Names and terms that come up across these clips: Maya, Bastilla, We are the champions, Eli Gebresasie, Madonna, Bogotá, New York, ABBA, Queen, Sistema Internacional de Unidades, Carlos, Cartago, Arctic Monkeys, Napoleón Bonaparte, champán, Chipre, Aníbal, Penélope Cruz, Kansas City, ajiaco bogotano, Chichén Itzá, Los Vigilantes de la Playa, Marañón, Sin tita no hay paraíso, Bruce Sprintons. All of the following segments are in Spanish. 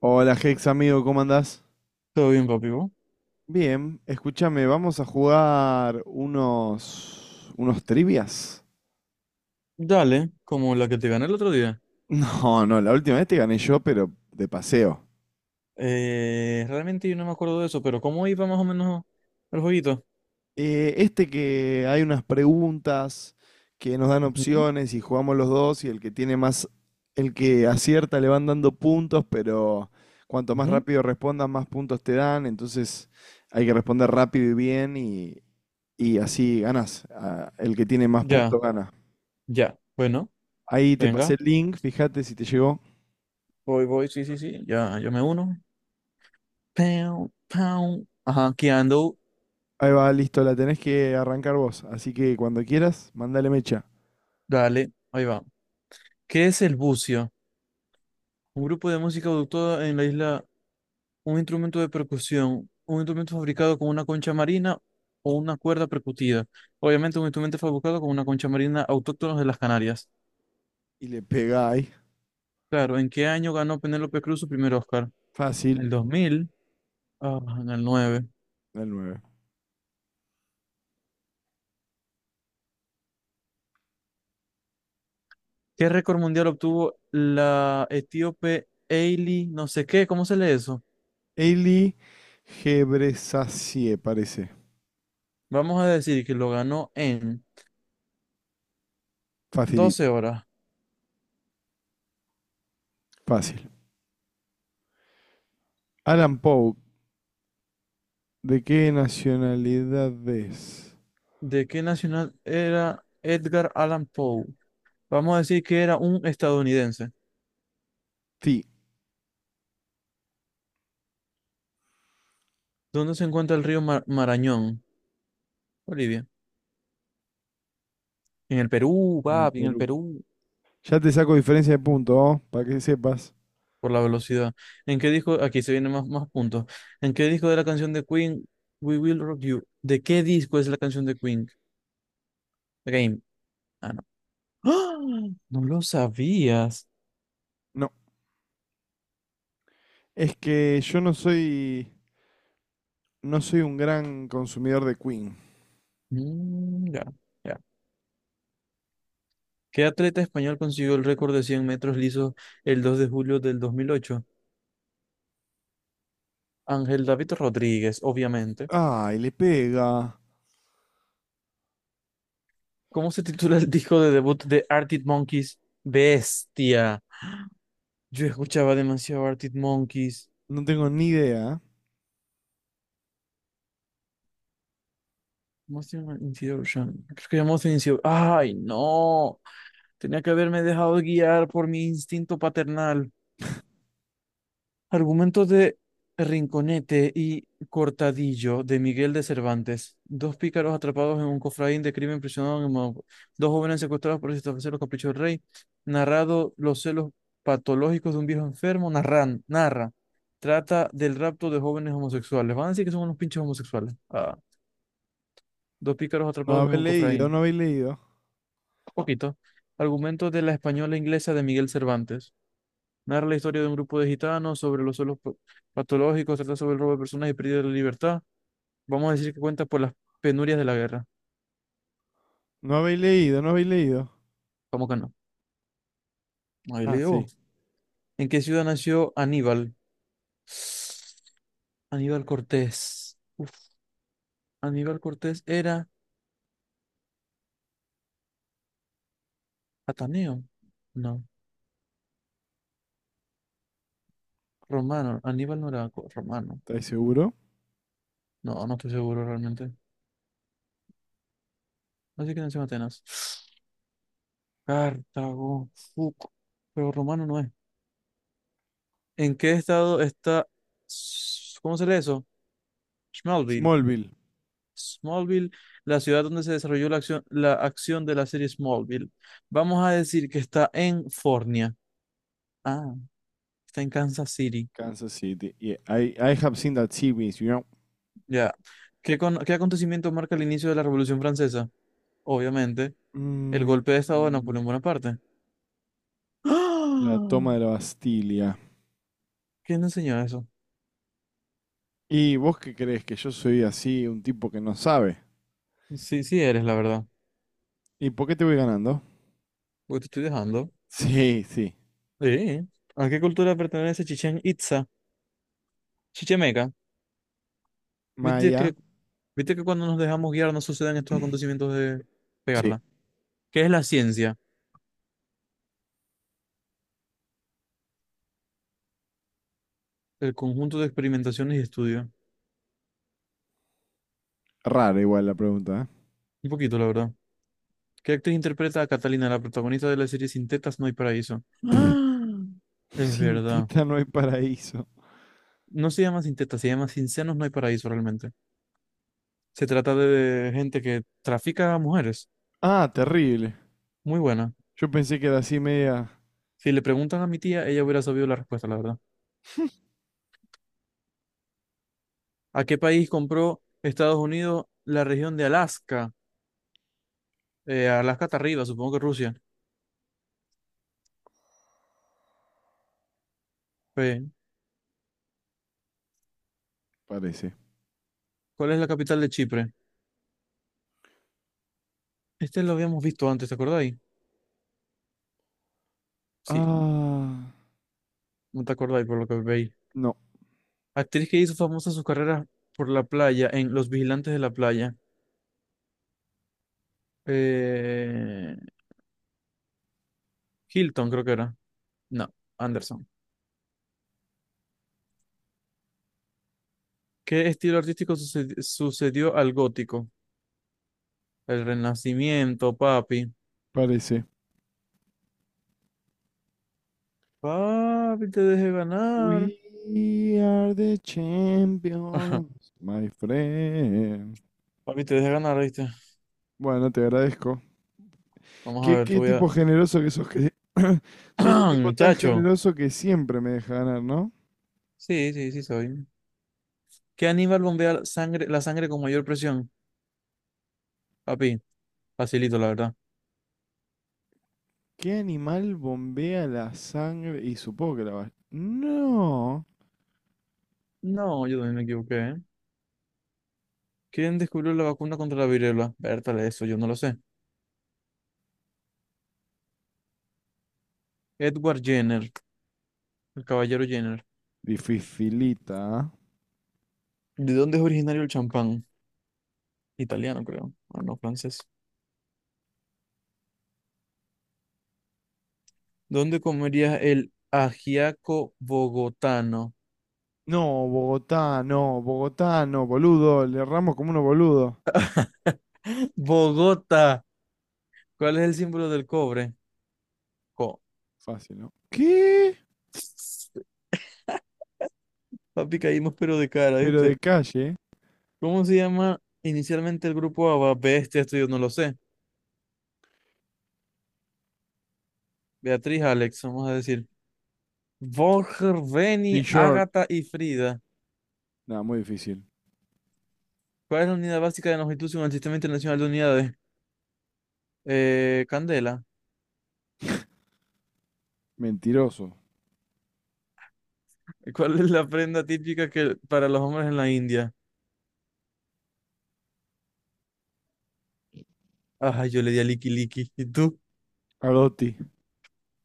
Hola Hex, amigo, ¿cómo andás? Todo bien, papi. ¿Vos? Bien, escúchame, vamos a jugar unos trivias. Dale, como la que te gané el otro día. No, no, la última vez te gané yo, pero de paseo. Realmente yo no me acuerdo de eso, pero ¿cómo iba más o menos el jueguito? Este que hay unas preguntas que nos dan Ujú, opciones y jugamos los dos y el que tiene más, el que acierta le van dando puntos, pero cuanto más ujú. rápido respondas, más puntos te dan, entonces hay que responder rápido y bien y así ganas. El que tiene más puntos Ya, gana. ya. Bueno, Ahí te pasé venga. el link, fíjate si te llegó. Voy, sí, sí, sí. Ya, yo me uno. Pau, pau. Ajá, aquí ando. Ahí va, listo, la tenés que arrancar vos. Así que cuando quieras, mandale mecha. Dale, ahí va. ¿Qué es el bucio? Un grupo de música adoptada en la isla, un instrumento de percusión, un instrumento fabricado con una concha marina o una cuerda percutida. Obviamente un instrumento fabricado con una concha marina autóctona de las Canarias. Y le pegáis. Claro, ¿en qué año ganó Penélope Cruz su primer Oscar? En Fácil, el 2000, ah, en el 9. el nueve. ¿Qué récord mundial obtuvo la etíope Hailey, no sé qué? ¿Cómo se lee eso? Eli Gebresasie, parece. Vamos a decir que lo ganó en Facilit, 12 horas. fácil. Alan Poe, ¿de qué nacionalidad es? ¿De qué nacional era Edgar Allan Poe? Vamos a decir que era un estadounidense. Sí, ¿Dónde se encuentra el río Marañón? Bolivia. En el Perú, el papi, en el Perú. Perú. Ya te saco diferencia de punto, ¿oh? Para que sepas. Por la velocidad. ¿En qué disco? Aquí se vienen más puntos. ¿En qué disco de la canción de Queen, We Will Rock You? ¿De qué disco es la canción de Queen? Game. Ah, no. ¡Ah! No lo sabías. No, es que yo no soy, no soy un gran consumidor de Queen. Mm, ya, ya. ¿Qué atleta español consiguió el récord de 100 metros lisos el 2 de julio del 2008? Ángel David Rodríguez, obviamente. Ay, le pega. ¿Cómo se titula el disco de debut de Arctic Monkeys? Bestia. Yo escuchaba demasiado Arctic Monkeys. No tengo ni idea. Most Intuition. Creo que Most Intuition. ¡Ay, no! Tenía que haberme dejado guiar por mi instinto paternal. Argumentos de Rinconete y Cortadillo de Miguel de Cervantes. Dos pícaros atrapados en un cofraín de crimen prisioneros en Mo- Dos jóvenes secuestrados por satisfacer los caprichos del rey. Narrado los celos patológicos de un viejo enfermo. Narran, narra. Trata del rapto de jóvenes homosexuales. Van a decir que son unos pinches homosexuales. Ah. Dos pícaros No atrapados en habéis un leído, cofraín. no habéis leído. Poquito. Argumentos de la española e inglesa de Miguel Cervantes. Narra la historia de un grupo de gitanos sobre los suelos patológicos, trata sobre el robo de personas y pérdida de la libertad. Vamos a decir que cuenta por las penurias de la guerra. No habéis leído, no habéis leído. ¿Cómo que no? Ahí Ah, le digo. sí, ¿En qué ciudad nació Aníbal? Aníbal Cortés. Uf, Aníbal Cortés era ateneo. No, romano. Aníbal no era romano. ¿estáis seguro? No, no estoy seguro realmente. Así que nació en Atenas. Cartago. Fuck. Pero romano no es. ¿En qué estado está, ¿cómo se lee eso? Smallville. Smallville, Smallville, la ciudad donde se desarrolló la acción de la serie Smallville. Vamos a decir que está en Fornia. Ah, está en Kansas City. Kansas City. Yeah, I have seen that series. Ya. ¿Qué, qué acontecimiento marca el inicio de la Revolución Francesa? Obviamente, el Mm, golpe de estado de Napoleón Bonaparte. la ¡Ah! toma de la Bastilla. ¿Quién te enseñó eso? ¿Y vos qué crees? ¿Que yo soy así, un tipo que no sabe? Sí, sí eres, la verdad. ¿Y por qué te voy ganando? Porque te estoy dejando. Sí, sí. Sí. ¿A qué cultura pertenece Chichén Itzá? Chichimeca. Yo te Maya. creo. Viste que cuando nos dejamos guiar no suceden estos acontecimientos de Sí. pegarla. ¿Qué es la ciencia? El conjunto de experimentaciones y estudios. Rara igual la pregunta, ¿eh? Un poquito, la verdad. ¿Qué actriz interpreta a Catalina, la protagonista de la serie Sin tetas no hay paraíso? ¡Ah! Es Sin verdad. tita no hay paraíso. No se llama Sin tetas, se llama Sin senos no hay paraíso realmente. Se trata de gente que trafica a mujeres. Ah, terrible. Muy buena. Yo pensé que era así media. Si le preguntan a mi tía, ella hubiera sabido la respuesta, la verdad. ¿A qué país compró Estados Unidos la región de Alaska? Alaska está arriba, supongo que Rusia. Pues, Parece. ¿cuál es la capital de Chipre? Este lo habíamos visto antes, ¿te acordáis? Sí, Ah. no te acordáis por lo que veis. No, Actriz que hizo famosa sus carreras por la playa, en Los Vigilantes de la Playa. Eh, Hilton, creo que era. No, Anderson. ¿Qué estilo artístico sucedió al gótico? El Renacimiento, papi. parece. Papi, te dejé ganar. We are the Ajá, champions, my friend. papi, te dejé ganar, ¿viste? Bueno, te agradezco. Vamos a Qué, ver, te qué voy a... tipo generoso que sos, que sos un tipo tan Chacho. generoso que siempre me deja ganar, ¿no? Sí, sí, sí soy. ¿Qué animal bombea sangre, la sangre con mayor presión? Papi. Facilito, la verdad. ¿Qué animal bombea la sangre? Y supongo que la va. No. No, yo también me equivoqué, ¿eh? ¿Quién descubrió la vacuna contra la viruela? Vértale, eso yo no lo sé. Edward Jenner, el caballero Jenner. Dificilita, ¿ah? ¿De dónde es originario el champán? Italiano, creo. Ah, no, francés. ¿Dónde comerías el ajiaco bogotano? No, Bogotá, no, Bogotá, no, boludo. Le erramos como unos boludos. Bogotá. ¿Cuál es el símbolo del cobre? Co. Fácil, ¿no? ¿Qué? Papi, caímos pero de cara, Pero de ¿viste? calle. ¿Cómo se llama inicialmente el grupo ABBA? Bestia, esto yo no lo sé. Beatriz, Alex, vamos a decir. Borger, New Beni, York. Ágata y Frida. No, muy difícil. ¿Cuál es la unidad básica de longitud según el Sistema Internacional de Unidades? Candela. Mentiroso. ¿Cuál es la prenda típica que, para los hombres en la India? Ajá, yo le di a Liki Liki. ¿Y tú? A Dotti.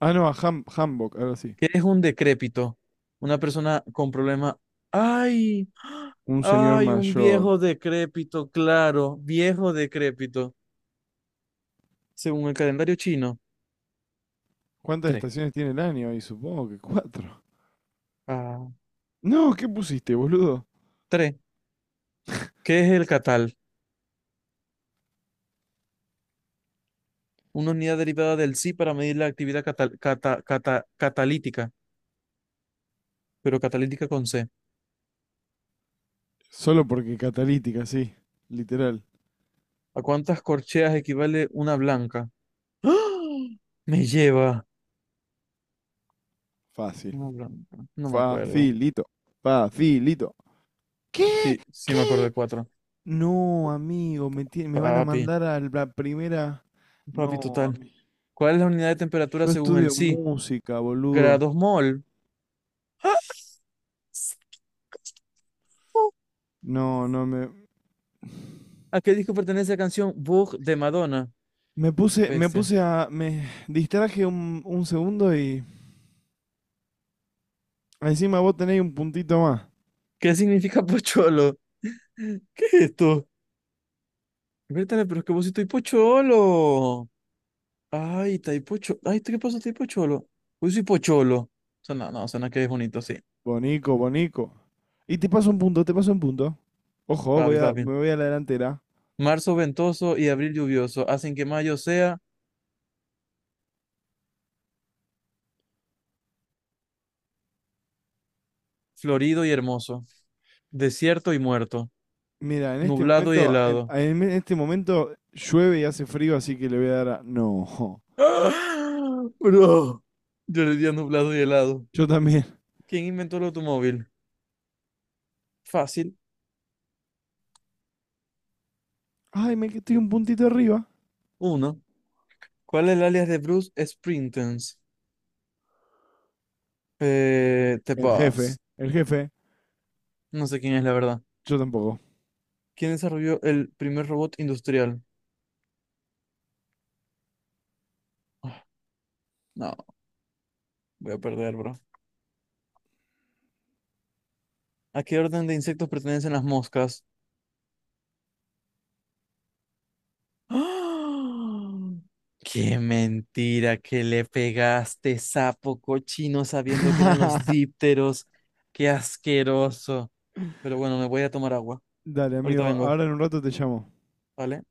Ah, no, a Hamburg, algo sí. ¿Qué es un decrépito? Una persona con problema. ¡Ay! Un señor ¡Ay! Un mayor. viejo decrépito, claro. Viejo decrépito. Según el calendario chino. ¿Cuántas Tres. estaciones tiene el año? Y supongo que cuatro. Ah, No, ¿qué pusiste, boludo? tres. ¿Qué es el catal? Una unidad derivada del psi para medir la actividad catalítica, pero catalítica con C. Solo porque catalítica, sí. Literal. ¿A cuántas corcheas equivale una blanca? ¡Ah! Me lleva Fácil. una blanca. No me acuerdo. Facilito. Facilito. ¿Qué? Sí, sí me acuerdo ¿Qué? de cuatro. No, amigo, me van a Papi, mandar a la primera. papi No, total. amigo. ¿Cuál es la unidad de temperatura Yo según el estudio psi? música, boludo. Grados mol. ¡Ah! No, no me. ¿A qué disco pertenece la canción Bug de Madonna? Bestia. Me distraje un segundo y encima vos tenés un puntito más. ¿Qué significa pocholo? ¿Qué es esto? Vértale, pero es que vos sí estoy pocholo. Ay, Taipo Cholo. Ay, ¿qué pasó, Taipo Cholo? Uy, soy Pocholo. Suena, no, suena que es bonito, sí. Bonico, bonico. Y te paso un punto, te paso un punto. Ojo, Papi, papi. me voy a la delantera. Marzo ventoso y abril lluvioso hacen que mayo sea florido y hermoso, desierto y muerto, Mira, nublado y helado. en este momento llueve y hace frío, así que le voy a dar a. No, ¡Ah! Bro, yo le di a nublado y helado. yo también. ¿Quién inventó el automóvil? Fácil. Ay, estoy un puntito arriba. Uno. ¿Cuál es el alias de Bruce Sprintons? The Boss. El jefe, No sé quién es, la verdad. yo tampoco. ¿Quién desarrolló el primer robot industrial? Ah, no. Voy a perder, bro. ¿A qué orden de insectos pertenecen las moscas? ¡Ah! ¡Qué mentira que le pegaste, sapo cochino, sabiendo que eran los dípteros! ¡Qué asqueroso! Pero bueno, me voy a tomar agua. Dale, Ahorita amigo, vengo, ahora en un rato te llamo. ¿vale?